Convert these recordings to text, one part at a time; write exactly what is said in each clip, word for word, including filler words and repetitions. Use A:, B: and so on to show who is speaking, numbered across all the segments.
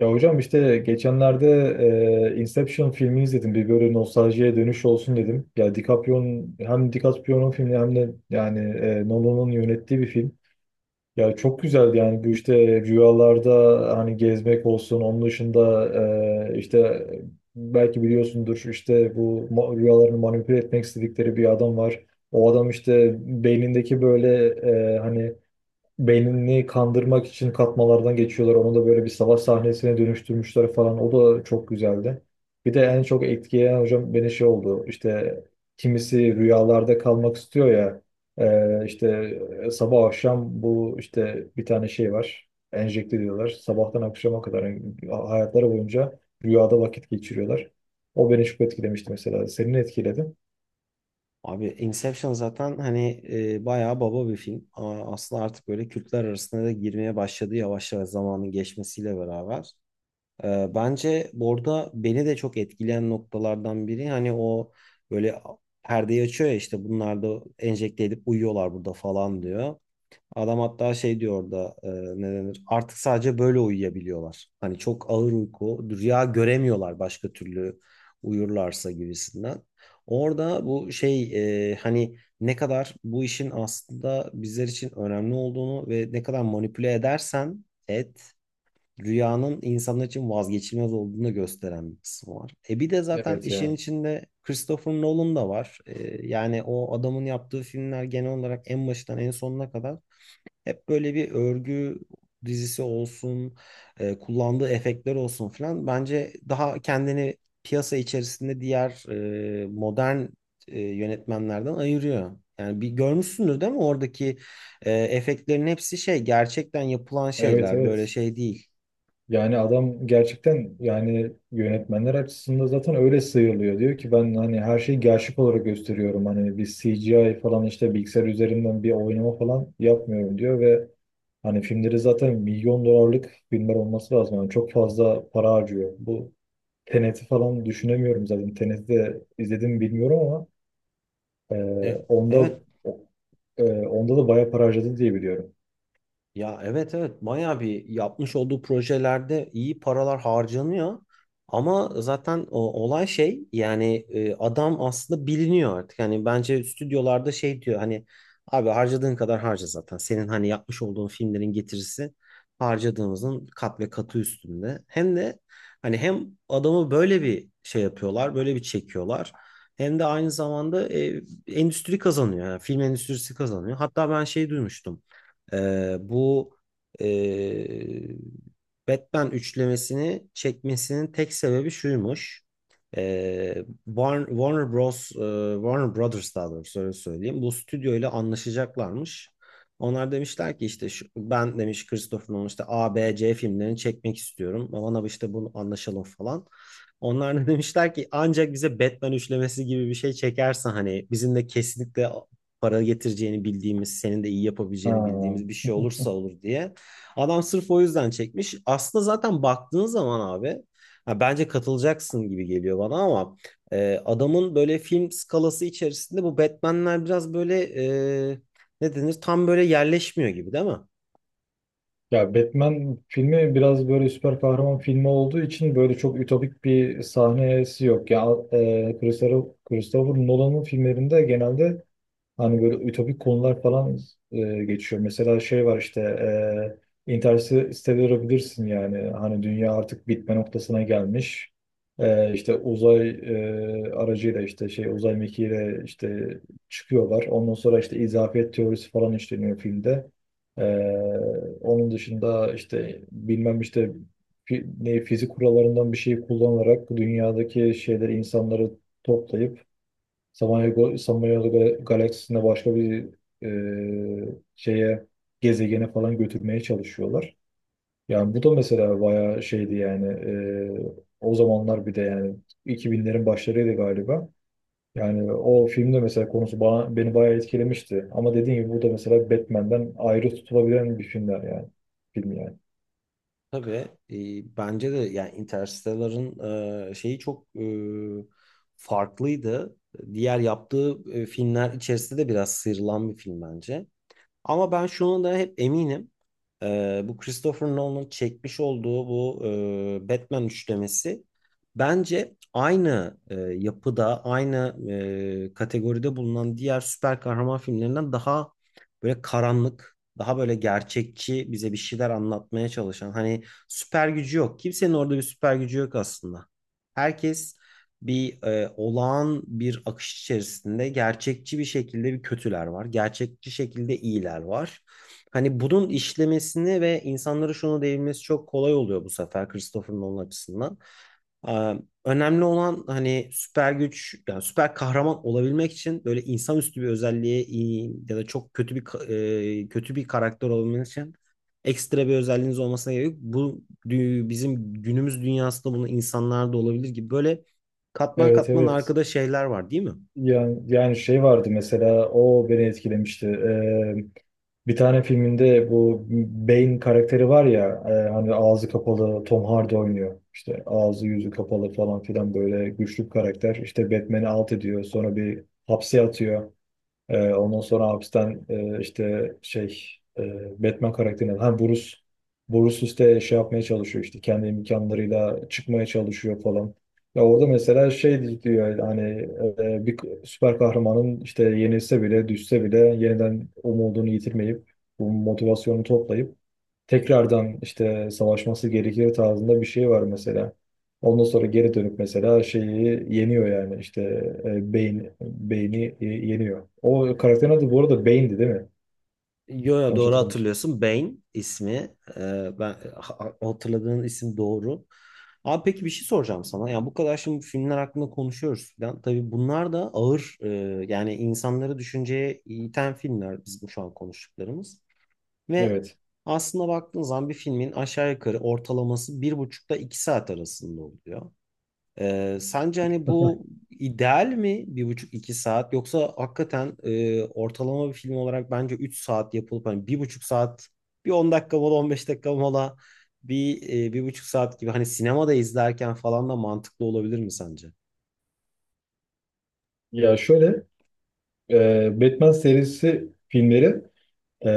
A: Ya hocam işte geçenlerde e, Inception filmini izledim. Bir böyle nostaljiye dönüş olsun dedim. Ya DiCaprio'nun hem DiCaprio'nun filmi hem de yani e, Nolan'ın yönettiği bir film. Ya çok güzeldi yani bu işte rüyalarda hani gezmek olsun. Onun dışında e, işte belki biliyorsundur işte bu ma- rüyalarını manipüle etmek istedikleri bir adam var. O adam işte beynindeki böyle e, hani beynini kandırmak için katmalardan geçiyorlar. Onu da böyle bir savaş sahnesine dönüştürmüşler falan. O da çok güzeldi. Bir de en çok etkileyen hocam beni şey oldu. İşte kimisi rüyalarda kalmak istiyor ya. Ee, işte e, sabah akşam bu işte bir tane şey var. Enjekte diyorlar. Sabahtan akşama kadar yani hayatları boyunca rüyada vakit geçiriyorlar. O beni çok etkilemişti mesela. Senin etkiledi.
B: Abi Inception zaten hani e, bayağı baba bir film. Ama aslında artık böyle kültler arasında da girmeye başladı yavaş yavaş zamanın geçmesiyle beraber. E, bence burada beni de çok etkileyen noktalardan biri hani o böyle perdeyi açıyor ya işte bunlar da enjekte edip uyuyorlar burada falan diyor. Adam hatta şey diyor orada e, ne denir? Artık sadece böyle uyuyabiliyorlar. Hani çok ağır uyku, rüya göremiyorlar başka türlü uyurlarsa gibisinden. Orada bu şey e, hani ne kadar bu işin aslında bizler için önemli olduğunu ve ne kadar manipüle edersen et rüyanın insanlar için vazgeçilmez olduğunu gösteren bir kısmı var. E bir de zaten
A: Evet
B: işin
A: ya.
B: içinde Christopher Nolan da var. E, yani o adamın yaptığı filmler genel olarak en başından en sonuna kadar hep böyle bir örgü dizisi olsun, e, kullandığı efektler olsun filan. Bence daha kendini piyasa içerisinde diğer e, modern e, yönetmenlerden ayırıyor. Yani bir görmüşsündür değil mi? Oradaki e, efektlerin hepsi şey gerçekten yapılan
A: Evet,
B: şeyler. Böyle
A: evet.
B: şey değil.
A: Yani adam gerçekten yani yönetmenler açısından zaten öyle sıyrılıyor. Diyor ki ben hani her şeyi gerçek olarak gösteriyorum. Hani bir C G I falan işte bilgisayar üzerinden bir oynama falan yapmıyorum diyor ve hani filmleri zaten milyon dolarlık filmler olması lazım. Yani çok fazla para harcıyor. Bu Tenet'i falan düşünemiyorum zaten. Tenet'i de izledim mi bilmiyorum ama e,
B: E, Evet.
A: onda ee, onda da bayağı para harcadı diye biliyorum.
B: Ya evet, evet, bayağı bir yapmış olduğu projelerde iyi paralar harcanıyor. Ama zaten o, olay şey yani e, adam aslında biliniyor artık. Hani bence stüdyolarda şey diyor hani abi harcadığın kadar harca zaten. Senin hani yapmış olduğun filmlerin getirisi harcadığımızın kat ve katı üstünde. Hem de hani hem adamı böyle bir şey yapıyorlar böyle bir çekiyorlar. Hem de aynı zamanda e, endüstri kazanıyor. Yani film endüstrisi kazanıyor. Hatta ben şey duymuştum. Ee, bu e, Batman üçlemesini çekmesinin tek sebebi şuymuş. Ee, Warner, Warner Bros, e, Warner Brothers daha doğrusu öyle söyleyeyim. Bu stüdyo ile anlaşacaklarmış. Onlar demişler ki işte şu, ben demiş Christopher Nolan işte A B C filmlerini çekmek istiyorum. Bana işte bunu anlaşalım falan. Onlar da demişler ki ancak bize Batman üçlemesi gibi bir şey çekersen hani bizimle kesinlikle para getireceğini bildiğimiz, senin de iyi
A: Ha.
B: yapabileceğini bildiğimiz bir şey olursa olur diye. Adam sırf o yüzden çekmiş. Aslında zaten baktığın zaman abi ha, bence katılacaksın gibi geliyor bana ama e, adamın böyle film skalası içerisinde bu Batman'ler biraz böyle e, ne denir tam böyle yerleşmiyor gibi değil mi?
A: Ya Batman filmi biraz böyle süper kahraman filmi olduğu için böyle çok ütopik bir sahnesi yok. Ya e, Christopher, Christopher Nolan'ın filmlerinde genelde hani böyle ütopik konular falan e, geçiyor. Mesela şey var işte e, Interstellar'ı bilirsin yani. Hani dünya artık bitme noktasına gelmiş. E, işte uzay e, aracıyla işte şey uzay mekiğiyle işte çıkıyorlar. Ondan sonra işte izafiyet teorisi falan işleniyor filmde. E, onun dışında işte bilmem işte fi- ne fizik kurallarından bir şeyi kullanarak dünyadaki şeyleri insanları toplayıp Samanyolu, Samanyolu Gal- galaksisinde başka bir e, şeye gezegene falan götürmeye çalışıyorlar. Yani bu da mesela bayağı şeydi yani e, o zamanlar bir de yani iki binlerin başlarıydı galiba. Yani o filmde mesela konusu bana, beni bayağı etkilemişti. Ama dediğim gibi bu da mesela Batman'den ayrı tutulabilen bir filmler yani. Film yani.
B: Tabii e, bence de yani Interstellar'ın e, şeyi çok e, farklıydı. Diğer yaptığı e, filmler içerisinde de biraz sıyrılan bir film bence. Ama ben şu anda hep eminim. Ee, bu Christopher Nolan'ın çekmiş olduğu bu e, Batman üçlemesi bence aynı e, yapıda, aynı e, kategoride bulunan diğer süper kahraman filmlerinden daha böyle karanlık, daha böyle gerçekçi bize bir şeyler anlatmaya çalışan. Hani süper gücü yok. Kimsenin orada bir süper gücü yok aslında. Herkes bir e, olağan bir akış içerisinde gerçekçi bir şekilde bir kötüler var. Gerçekçi şekilde iyiler var. Hani bunun işlemesini ve insanlara şunu değinmesi çok kolay oluyor bu sefer Christopher Nolan açısından. Ee, Önemli olan hani süper güç yani süper kahraman olabilmek için böyle insanüstü bir özelliğe iyi ya da çok kötü bir ka- e, kötü bir karakter olabilmek için ekstra bir özelliğiniz olmasına gerek yok. Bu dü- bizim günümüz dünyasında bunu insanlarda olabilir gibi böyle katman
A: Evet,
B: katman
A: evet.
B: arkada şeyler var değil mi?
A: Yani, yani şey vardı mesela o beni etkilemişti. Ee, bir tane filminde bu Bane karakteri var ya, e, hani ağzı kapalı Tom Hardy oynuyor. İşte ağzı yüzü kapalı falan filan böyle güçlü bir karakter. İşte Batman'i alt ediyor sonra bir hapse atıyor. Ee, ondan sonra hapisten e, işte şey e, Batman karakterinden ha Bruce Bruce işte şey yapmaya çalışıyor işte kendi imkanlarıyla çıkmaya çalışıyor falan. Ya orada mesela şey diyor hani e, bir süper kahramanın işte yenilse bile düşse bile yeniden umudunu yitirmeyip bu motivasyonu toplayıp tekrardan işte savaşması gerekir tarzında bir şey var mesela. Ondan sonra geri dönüp mesela şeyi yeniyor yani işte e, beyin beyni e, yeniyor. O karakterin adı bu arada Bane'di, değil mi?
B: Yo yo,
A: Yanlış
B: doğru
A: hatırlamıyorsam.
B: hatırlıyorsun. Bane ismi. Ee, ben ha- hatırladığın isim doğru. Abi peki bir şey soracağım sana. Yani bu kadar şimdi filmler hakkında konuşuyoruz falan. Tabii bunlar da ağır e, yani insanları düşünceye iten filmler biz bu şu an konuştuklarımız. Ve
A: Evet.
B: aslında baktığın zaman bir filmin aşağı yukarı ortalaması bir buçukta iki saat arasında oluyor. Ee, sence hani bu ideal mi bir buçuk iki saat yoksa hakikaten e, ortalama bir film olarak bence üç saat yapılıp hani bir buçuk saat bir on dakika mola on beş dakika mola bir e, bir buçuk saat gibi hani sinemada izlerken falan da mantıklı olabilir mi sence?
A: Ya şöyle, e, Batman serisi filmleri e,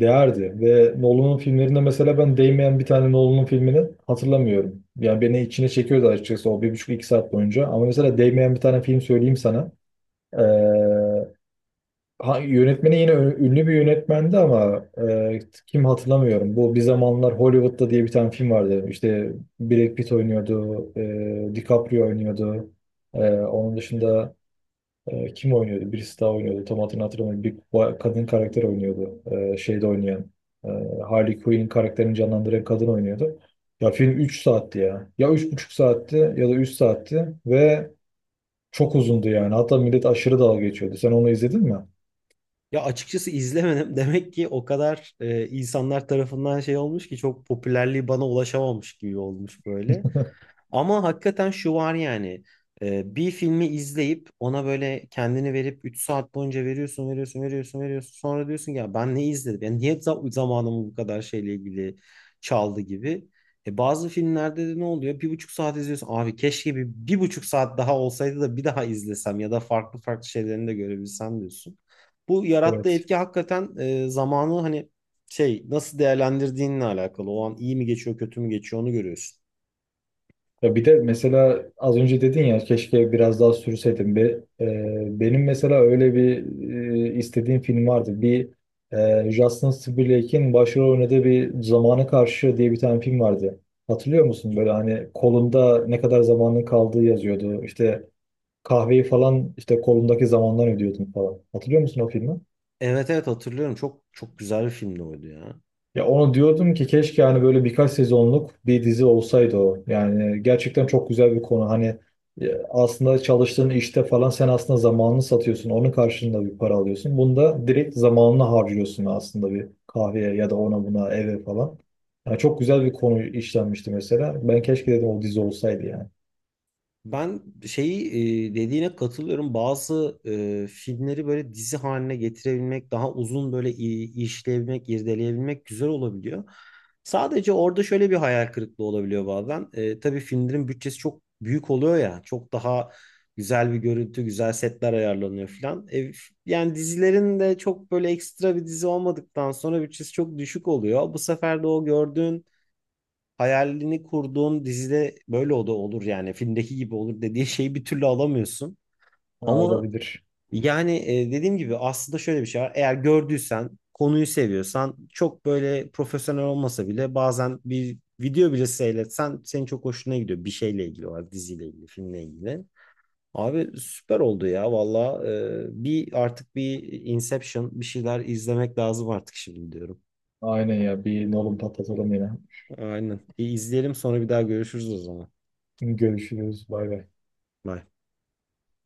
A: değerdi ve Nolan'ın filmlerinde mesela ben değmeyen bir tane Nolan'ın filmini hatırlamıyorum. Yani beni içine çekiyordu açıkçası o bir buçuk iki saat boyunca. Ama mesela değmeyen bir tane film söyleyeyim sana. E, Ha, yönetmeni yine ü- ünlü bir yönetmendi ama e, kim hatırlamıyorum. Bu Bir Zamanlar Hollywood'da diye bir tane film vardı. İşte Brad Pitt oynuyordu, e, DiCaprio oynuyordu. E, onun dışında e, kim oynuyordu? Birisi daha oynuyordu. Tam hatırını hatırlamıyorum. Bir ba- kadın karakter oynuyordu. E, şeyde oynayan. E, Harley Quinn karakterini canlandıran kadın oynuyordu. Ya film üç saatti ya. Ya üç buçuk saatti ya da üç saatti ve çok uzundu yani. Hatta millet aşırı dalga geçiyordu. Sen onu izledin mi?
B: Ya açıkçası izlemedim demek ki o kadar e, insanlar tarafından şey olmuş ki çok popülerliği bana ulaşamamış gibi olmuş böyle. Ama hakikaten şu var yani. E, bir filmi izleyip ona böyle kendini verip üç saat boyunca veriyorsun, veriyorsun, veriyorsun, veriyorsun. Sonra diyorsun ki, ya ben ne izledim? Yani niye za- zamanımı bu kadar şeyle ilgili çaldı gibi. E, bazı filmlerde de ne oluyor? Bir buçuk saat izliyorsun. Abi keşke bir, bir buçuk saat daha olsaydı da bir daha izlesem ya da farklı farklı şeylerini de görebilsem diyorsun. Bu yarattığı
A: Evet.
B: etki hakikaten e, zamanı hani şey nasıl değerlendirdiğinle alakalı. O an iyi mi geçiyor, kötü mü geçiyor onu görüyorsun.
A: Ya bir de mesela az önce dedin ya keşke biraz daha sürseydim. Be, e, benim mesela öyle bir e, istediğim film vardı. Bir e, Justin Timberlake'in başrol oynadığı bir Zamana Karşı diye bir tane film vardı. Hatırlıyor musun? Böyle hani kolunda ne kadar zamanın kaldığı yazıyordu. İşte kahveyi falan işte kolundaki zamandan ödüyordun falan. Hatırlıyor musun o filmi?
B: Evet, evet, hatırlıyorum. Çok çok güzel bir filmdi oydu ya.
A: Ya onu diyordum ki keşke hani böyle birkaç sezonluk bir dizi olsaydı o. Yani gerçekten çok güzel bir konu. Hani e, aslında çalıştığın işte falan sen aslında zamanını satıyorsun. Onun karşılığında bir para alıyorsun. Bunda direkt zamanını harcıyorsun aslında bir kahveye ya da ona buna eve falan. Yani çok güzel bir konu işlenmişti mesela. Ben keşke dedim o dizi olsaydı yani.
B: Ben şeyi e, dediğine katılıyorum. Bazı e, filmleri böyle dizi haline getirebilmek, daha uzun böyle i- işleyebilmek, irdeleyebilmek güzel olabiliyor. Sadece orada şöyle bir hayal kırıklığı olabiliyor bazen. E, tabii filmlerin bütçesi çok büyük oluyor ya. Çok daha güzel bir görüntü, güzel setler ayarlanıyor falan. E, f- yani dizilerin de çok böyle ekstra bir dizi olmadıktan sonra bütçesi çok düşük oluyor. Bu sefer de o gördüğün hayalini kurduğun dizide böyle o da olur yani filmdeki gibi olur dediği şeyi bir türlü alamıyorsun.
A: Ha,
B: Ama
A: olabilir.
B: yani e, dediğim gibi aslında şöyle bir şey var. Eğer gördüysen, konuyu seviyorsan çok böyle profesyonel olmasa bile bazen bir video bile seyretsen senin çok hoşuna gidiyor bir şeyle ilgili olarak diziyle ilgili, filmle ilgili. Abi süper oldu ya valla. E, bir artık bir Inception bir şeyler izlemek lazım artık şimdi diyorum.
A: Aynen ya, bir nolum patlatalım yine.
B: Aynen. Bir izleyelim sonra bir daha görüşürüz o zaman.
A: Görüşürüz. Bay bay.
B: Bye.